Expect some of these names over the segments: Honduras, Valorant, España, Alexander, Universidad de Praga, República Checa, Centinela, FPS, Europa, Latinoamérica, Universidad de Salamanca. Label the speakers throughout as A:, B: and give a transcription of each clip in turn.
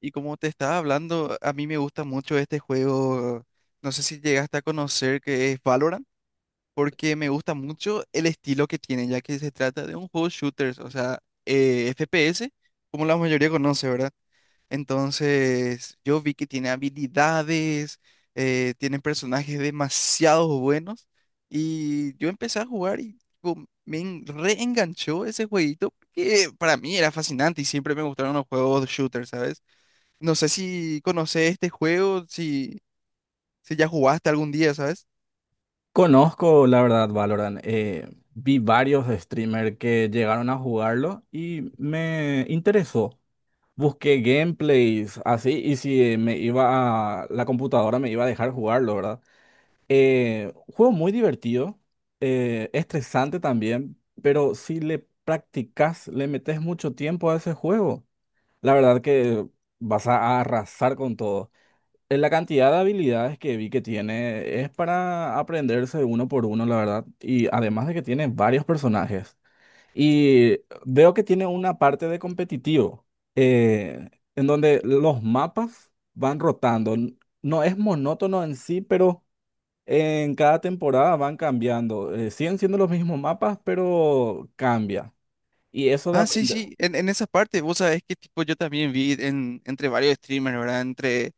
A: Y como te estaba hablando, a mí me gusta mucho este juego, no sé si llegaste a conocer que es Valorant, porque me gusta mucho el estilo que tiene, ya que se trata de un juego shooters, o sea, FPS, como la mayoría conoce, ¿verdad? Entonces, yo vi que tiene habilidades, tiene personajes demasiado buenos, y yo empecé a jugar y tipo, reenganchó ese jueguito, que para mí era fascinante y siempre me gustaron los juegos shooters, ¿sabes? No sé si conoces este juego, si ya jugaste algún día, ¿sabes?
B: Conozco, la verdad, Valorant. Vi varios streamers que llegaron a jugarlo y me interesó. Busqué gameplays así y si me iba a la computadora me iba a dejar jugarlo, ¿verdad? Juego muy divertido, estresante también, pero si le practicas, le metes mucho tiempo a ese juego, la verdad que vas a arrasar con todo. La cantidad de habilidades que vi que tiene es para aprenderse uno por uno, la verdad. Y además de que tiene varios personajes. Y veo que tiene una parte de competitivo, en donde los mapas van rotando. No es monótono en sí, pero en cada temporada van cambiando. Siguen siendo los mismos mapas, pero cambia. Y eso de
A: Ah, sí,
B: aprender,
A: sí, en esa parte, vos sabés que tipo yo también vi en, entre varios streamers, ¿verdad? Entre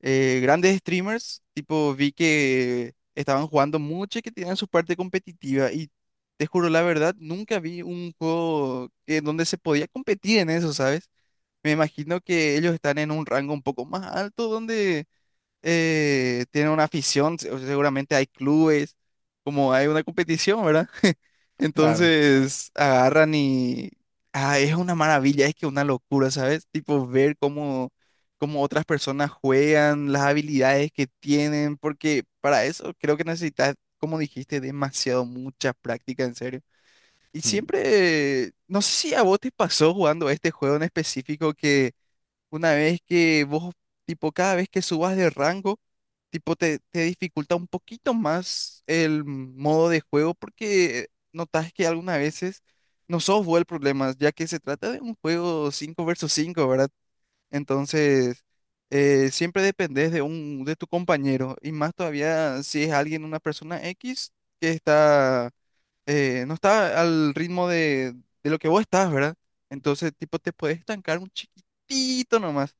A: grandes streamers, tipo vi que estaban jugando mucho y que tenían su parte competitiva y te juro la verdad, nunca vi un juego que, donde se podía competir en eso, ¿sabes? Me imagino que ellos están en un rango un poco más alto donde tiene una afición, seguramente hay clubes, como hay una competición, ¿verdad?
B: claro.
A: Entonces agarran y es una maravilla, es que una locura, ¿sabes? Tipo ver cómo, cómo otras personas juegan, las habilidades que tienen, porque para eso creo que necesitas, como dijiste, demasiado, mucha práctica, en serio. Y
B: Mm.
A: siempre, no sé si a vos te pasó jugando este juego en específico que una vez que vos, tipo, cada vez que subas de rango, tipo, te dificulta un poquito más el modo de juego porque notas que algunas veces no sos vos el problema, ya que se trata de un juego 5 versus cinco, ¿verdad? Entonces, siempre dependés de un, de tu compañero y más todavía si es alguien, una persona X que está, no está al ritmo de lo que vos estás, ¿verdad? Entonces, tipo, te puedes estancar un chiquitito nomás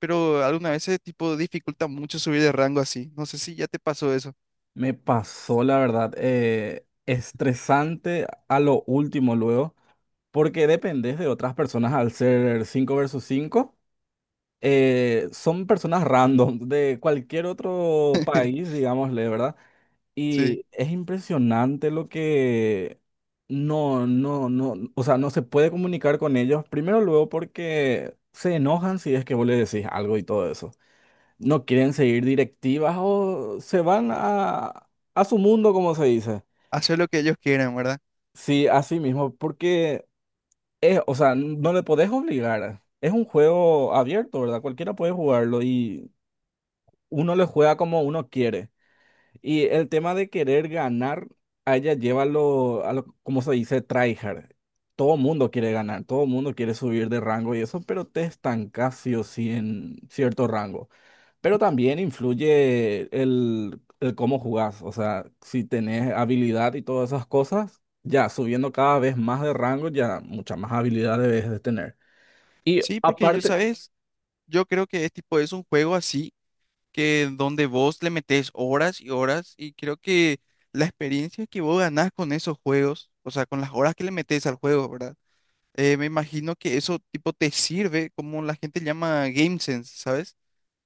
A: pero alguna vez ese tipo dificulta mucho subir de rango así. No sé si ya te pasó eso.
B: Me pasó, la verdad, estresante a lo último luego, porque dependes de otras personas al ser 5 versus 5, son personas random de cualquier otro país, digámosle, ¿verdad?
A: Sí,
B: Y es impresionante lo que, no, no, no, o sea, no se puede comunicar con ellos. Primero luego porque se enojan si es que vos le decís algo y todo eso no quieren seguir directivas o se van a su mundo, como se dice.
A: hacer lo que ellos quieran, ¿verdad?
B: Sí, así mismo, porque es, o sea, no le podés obligar. Es un juego abierto, ¿verdad? Cualquiera puede jugarlo y uno le juega como uno quiere. Y el tema de querer ganar, a ella lleva lo, a lo, como se dice, tryhard. Todo mundo quiere ganar, todo mundo quiere subir de rango y eso, pero te estancas sí o sí en cierto rango. Pero también influye el cómo jugás. O sea, si tenés habilidad y todas esas cosas, ya subiendo cada vez más de rango, ya mucha más habilidad debes de tener. Y
A: Sí, porque yo,
B: aparte,
A: ¿sabes? Yo creo que es tipo, es un juego así, que donde vos le metés horas y horas, y creo que la experiencia que vos ganás con esos juegos, o sea, con las horas que le metés al juego, ¿verdad? Me imagino que eso tipo te sirve, como la gente llama game sense, ¿sabes?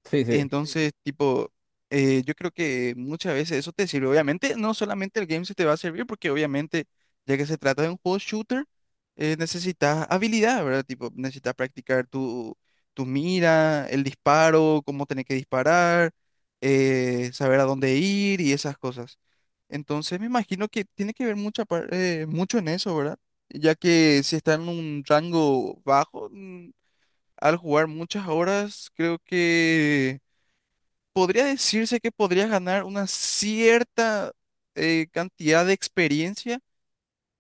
B: sí, sí.
A: Entonces, tipo, yo creo que muchas veces eso te sirve. Obviamente, no solamente el game se te va a servir, porque obviamente, ya que se trata de un juego shooter, necesitas habilidad, ¿verdad? Tipo, necesitas practicar tu, tu mira, el disparo, cómo tener que disparar, saber a dónde ir y esas cosas. Entonces, me imagino que tiene que ver mucha, mucho en eso, ¿verdad? Ya que si está en un rango bajo, al jugar muchas horas, creo que podría decirse que podrías ganar una cierta cantidad de experiencia,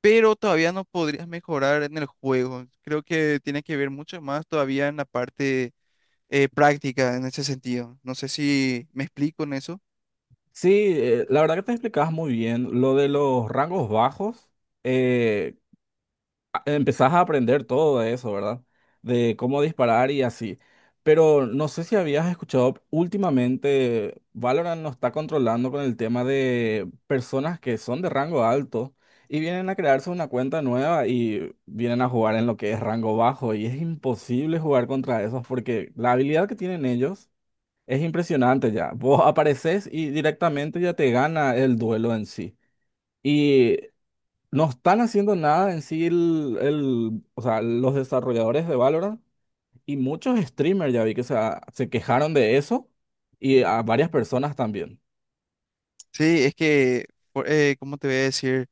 A: pero todavía no podrías mejorar en el juego. Creo que tiene que ver mucho más todavía en la parte práctica en ese sentido. No sé si me explico en eso.
B: Sí, la verdad que te explicabas muy bien lo de los rangos bajos. eh, empezás a aprender todo de eso, ¿verdad? De cómo disparar y así. Pero no sé si habías escuchado últimamente, Valorant nos está controlando con el tema de personas que son de rango alto y vienen a crearse una cuenta nueva y vienen a jugar en lo que es rango bajo y es imposible jugar contra esos porque la habilidad que tienen ellos es impresionante ya. Vos apareces y directamente ya te gana el duelo en sí. Y no están haciendo nada en sí o sea, los desarrolladores de Valorant y muchos streamers ya vi que se quejaron de eso y a varias personas también.
A: Sí, es que, ¿cómo te voy a decir?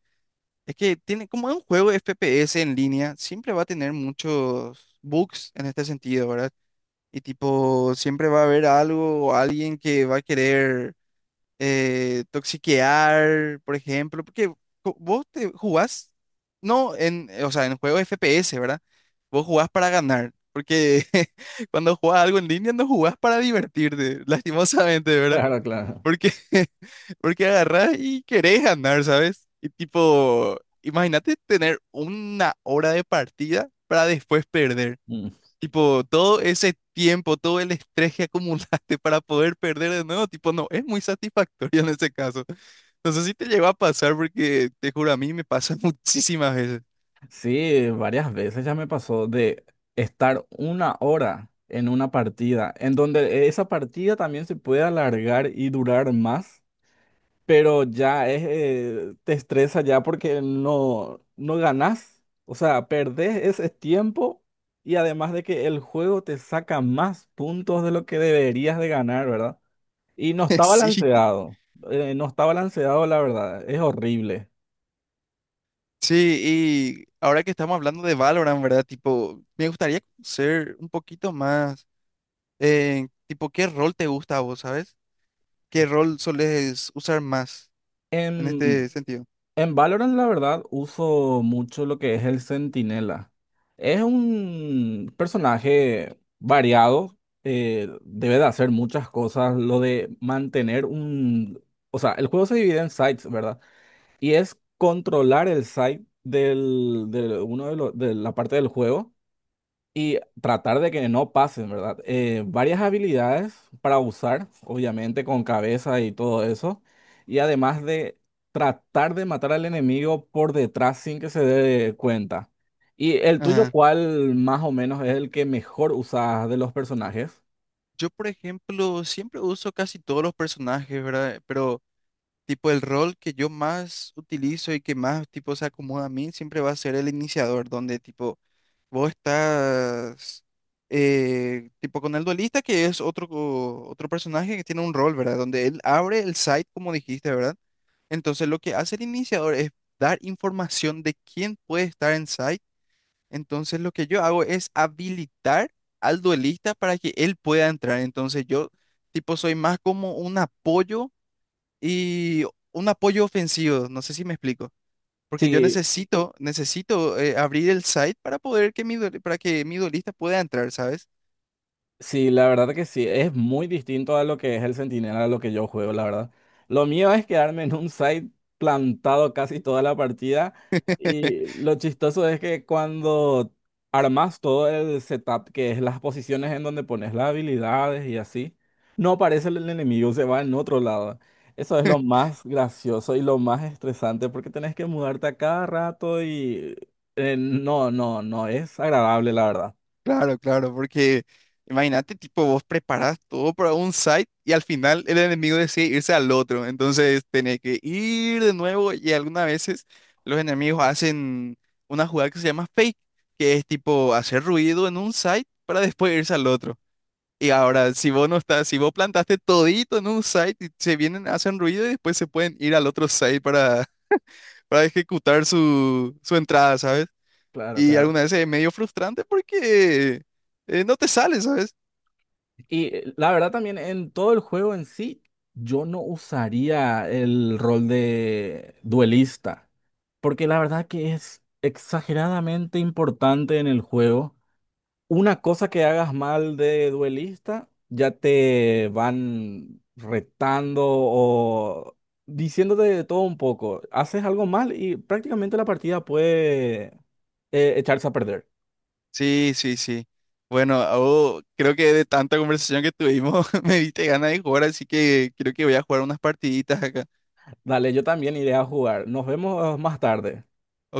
A: Es que tiene, como es un juego FPS en línea, siempre va a tener muchos bugs en este sentido, ¿verdad? Y tipo, siempre va a haber algo o alguien que va a querer toxiquear, por ejemplo, porque vos te jugás, no en, o sea, en juegos FPS, ¿verdad? Vos jugás para ganar, porque cuando jugás algo en línea no jugás para divertirte, lastimosamente, ¿verdad?
B: Claro, claro.
A: Porque, porque agarrás y querés ganar, ¿sabes? Y tipo, imagínate tener una hora de partida para después perder.
B: Mm.
A: Tipo, todo ese tiempo, todo el estrés que acumulaste para poder perder de nuevo, tipo, no, es muy satisfactorio en ese caso. No sé si te llegó a pasar porque te juro, a mí me pasa muchísimas veces.
B: Sí, varias veces ya me pasó de estar una hora en una partida, en donde esa partida también se puede alargar y durar más, pero ya es, te estresa ya porque no, no ganás, o sea, perdés ese tiempo y además de que el juego te saca más puntos de lo que deberías de ganar, ¿verdad? Y no está
A: Sí,
B: balanceado, no está balanceado, la verdad, es horrible.
A: sí, y ahora que estamos hablando de Valorant, ¿verdad? Tipo, me gustaría conocer un poquito más, tipo, ¿qué rol te gusta a vos, sabes? ¿Qué rol soles usar más en
B: Em,
A: este sentido?
B: En Valorant, la verdad, uso mucho lo que es el Centinela. Es un personaje variado, debe de hacer muchas cosas. Lo de mantener un... O sea, el juego se divide en sites, ¿verdad? Y es controlar el site del, de uno de, lo- de la parte del juego y tratar de que no pasen, ¿verdad? Varias habilidades para usar, obviamente, con cabeza y todo eso. Y además de tratar de matar al enemigo por detrás sin que se dé cuenta. ¿Y el tuyo
A: Ajá.
B: cuál más o menos es el que mejor usas de los personajes?
A: Yo, por ejemplo, siempre uso casi todos los personajes, ¿verdad? Pero tipo, el rol que yo más utilizo y que más, tipo, se acomoda a mí siempre va a ser el iniciador, donde, tipo, vos estás, tipo, con el duelista, que es otro, otro personaje que tiene un rol, ¿verdad? Donde él abre el site, como dijiste, ¿verdad? Entonces, lo que hace el iniciador es dar información de quién puede estar en site. Entonces, lo que yo hago es habilitar al duelista para que él pueda entrar. Entonces, yo, tipo, soy más como un apoyo y un apoyo ofensivo, no sé si me explico, porque yo
B: Sí,
A: necesito, necesito abrir el site para poder que mi, para que mi duelista pueda entrar, ¿sabes?
B: sí, la verdad que sí, es muy distinto a lo que es el Centinela, a lo que yo juego, la verdad. Lo mío es quedarme en un site plantado casi toda la partida, y lo chistoso es que cuando armas todo el setup, que es las posiciones en donde pones las habilidades y así, no aparece el enemigo, se va en otro lado. Eso es lo más gracioso y lo más estresante porque tenés que mudarte a cada rato y no, no, no, es agradable, la verdad.
A: Claro, claro, porque imagínate, tipo, vos preparás todo para un site y al final el enemigo decide irse al otro, entonces tenés que ir de nuevo y algunas veces los enemigos hacen una jugada que se llama fake, que es tipo hacer ruido en un site para después irse al otro. Y ahora, si vos no estás, si vos plantaste todito en un site y se vienen, hacen ruido y después se pueden ir al otro site para, para ejecutar su, su entrada, ¿sabes?
B: Claro,
A: Y
B: claro.
A: alguna vez es medio frustrante porque no te sale, ¿sabes?
B: Y la verdad también en todo el juego en sí, yo no usaría el rol de duelista, porque la verdad que es exageradamente importante en el juego. Una cosa que hagas mal de duelista, ya te van retando o diciéndote de todo un poco. Haces algo mal y prácticamente la partida puede echarse a perder.
A: Sí, sí, sí. Bueno, oh, creo que de tanta conversación que tuvimos me diste ganas de jugar, así que creo que voy a jugar unas partiditas acá.
B: Dale, yo también iré a jugar. Nos vemos más tarde.
A: ¿Ok?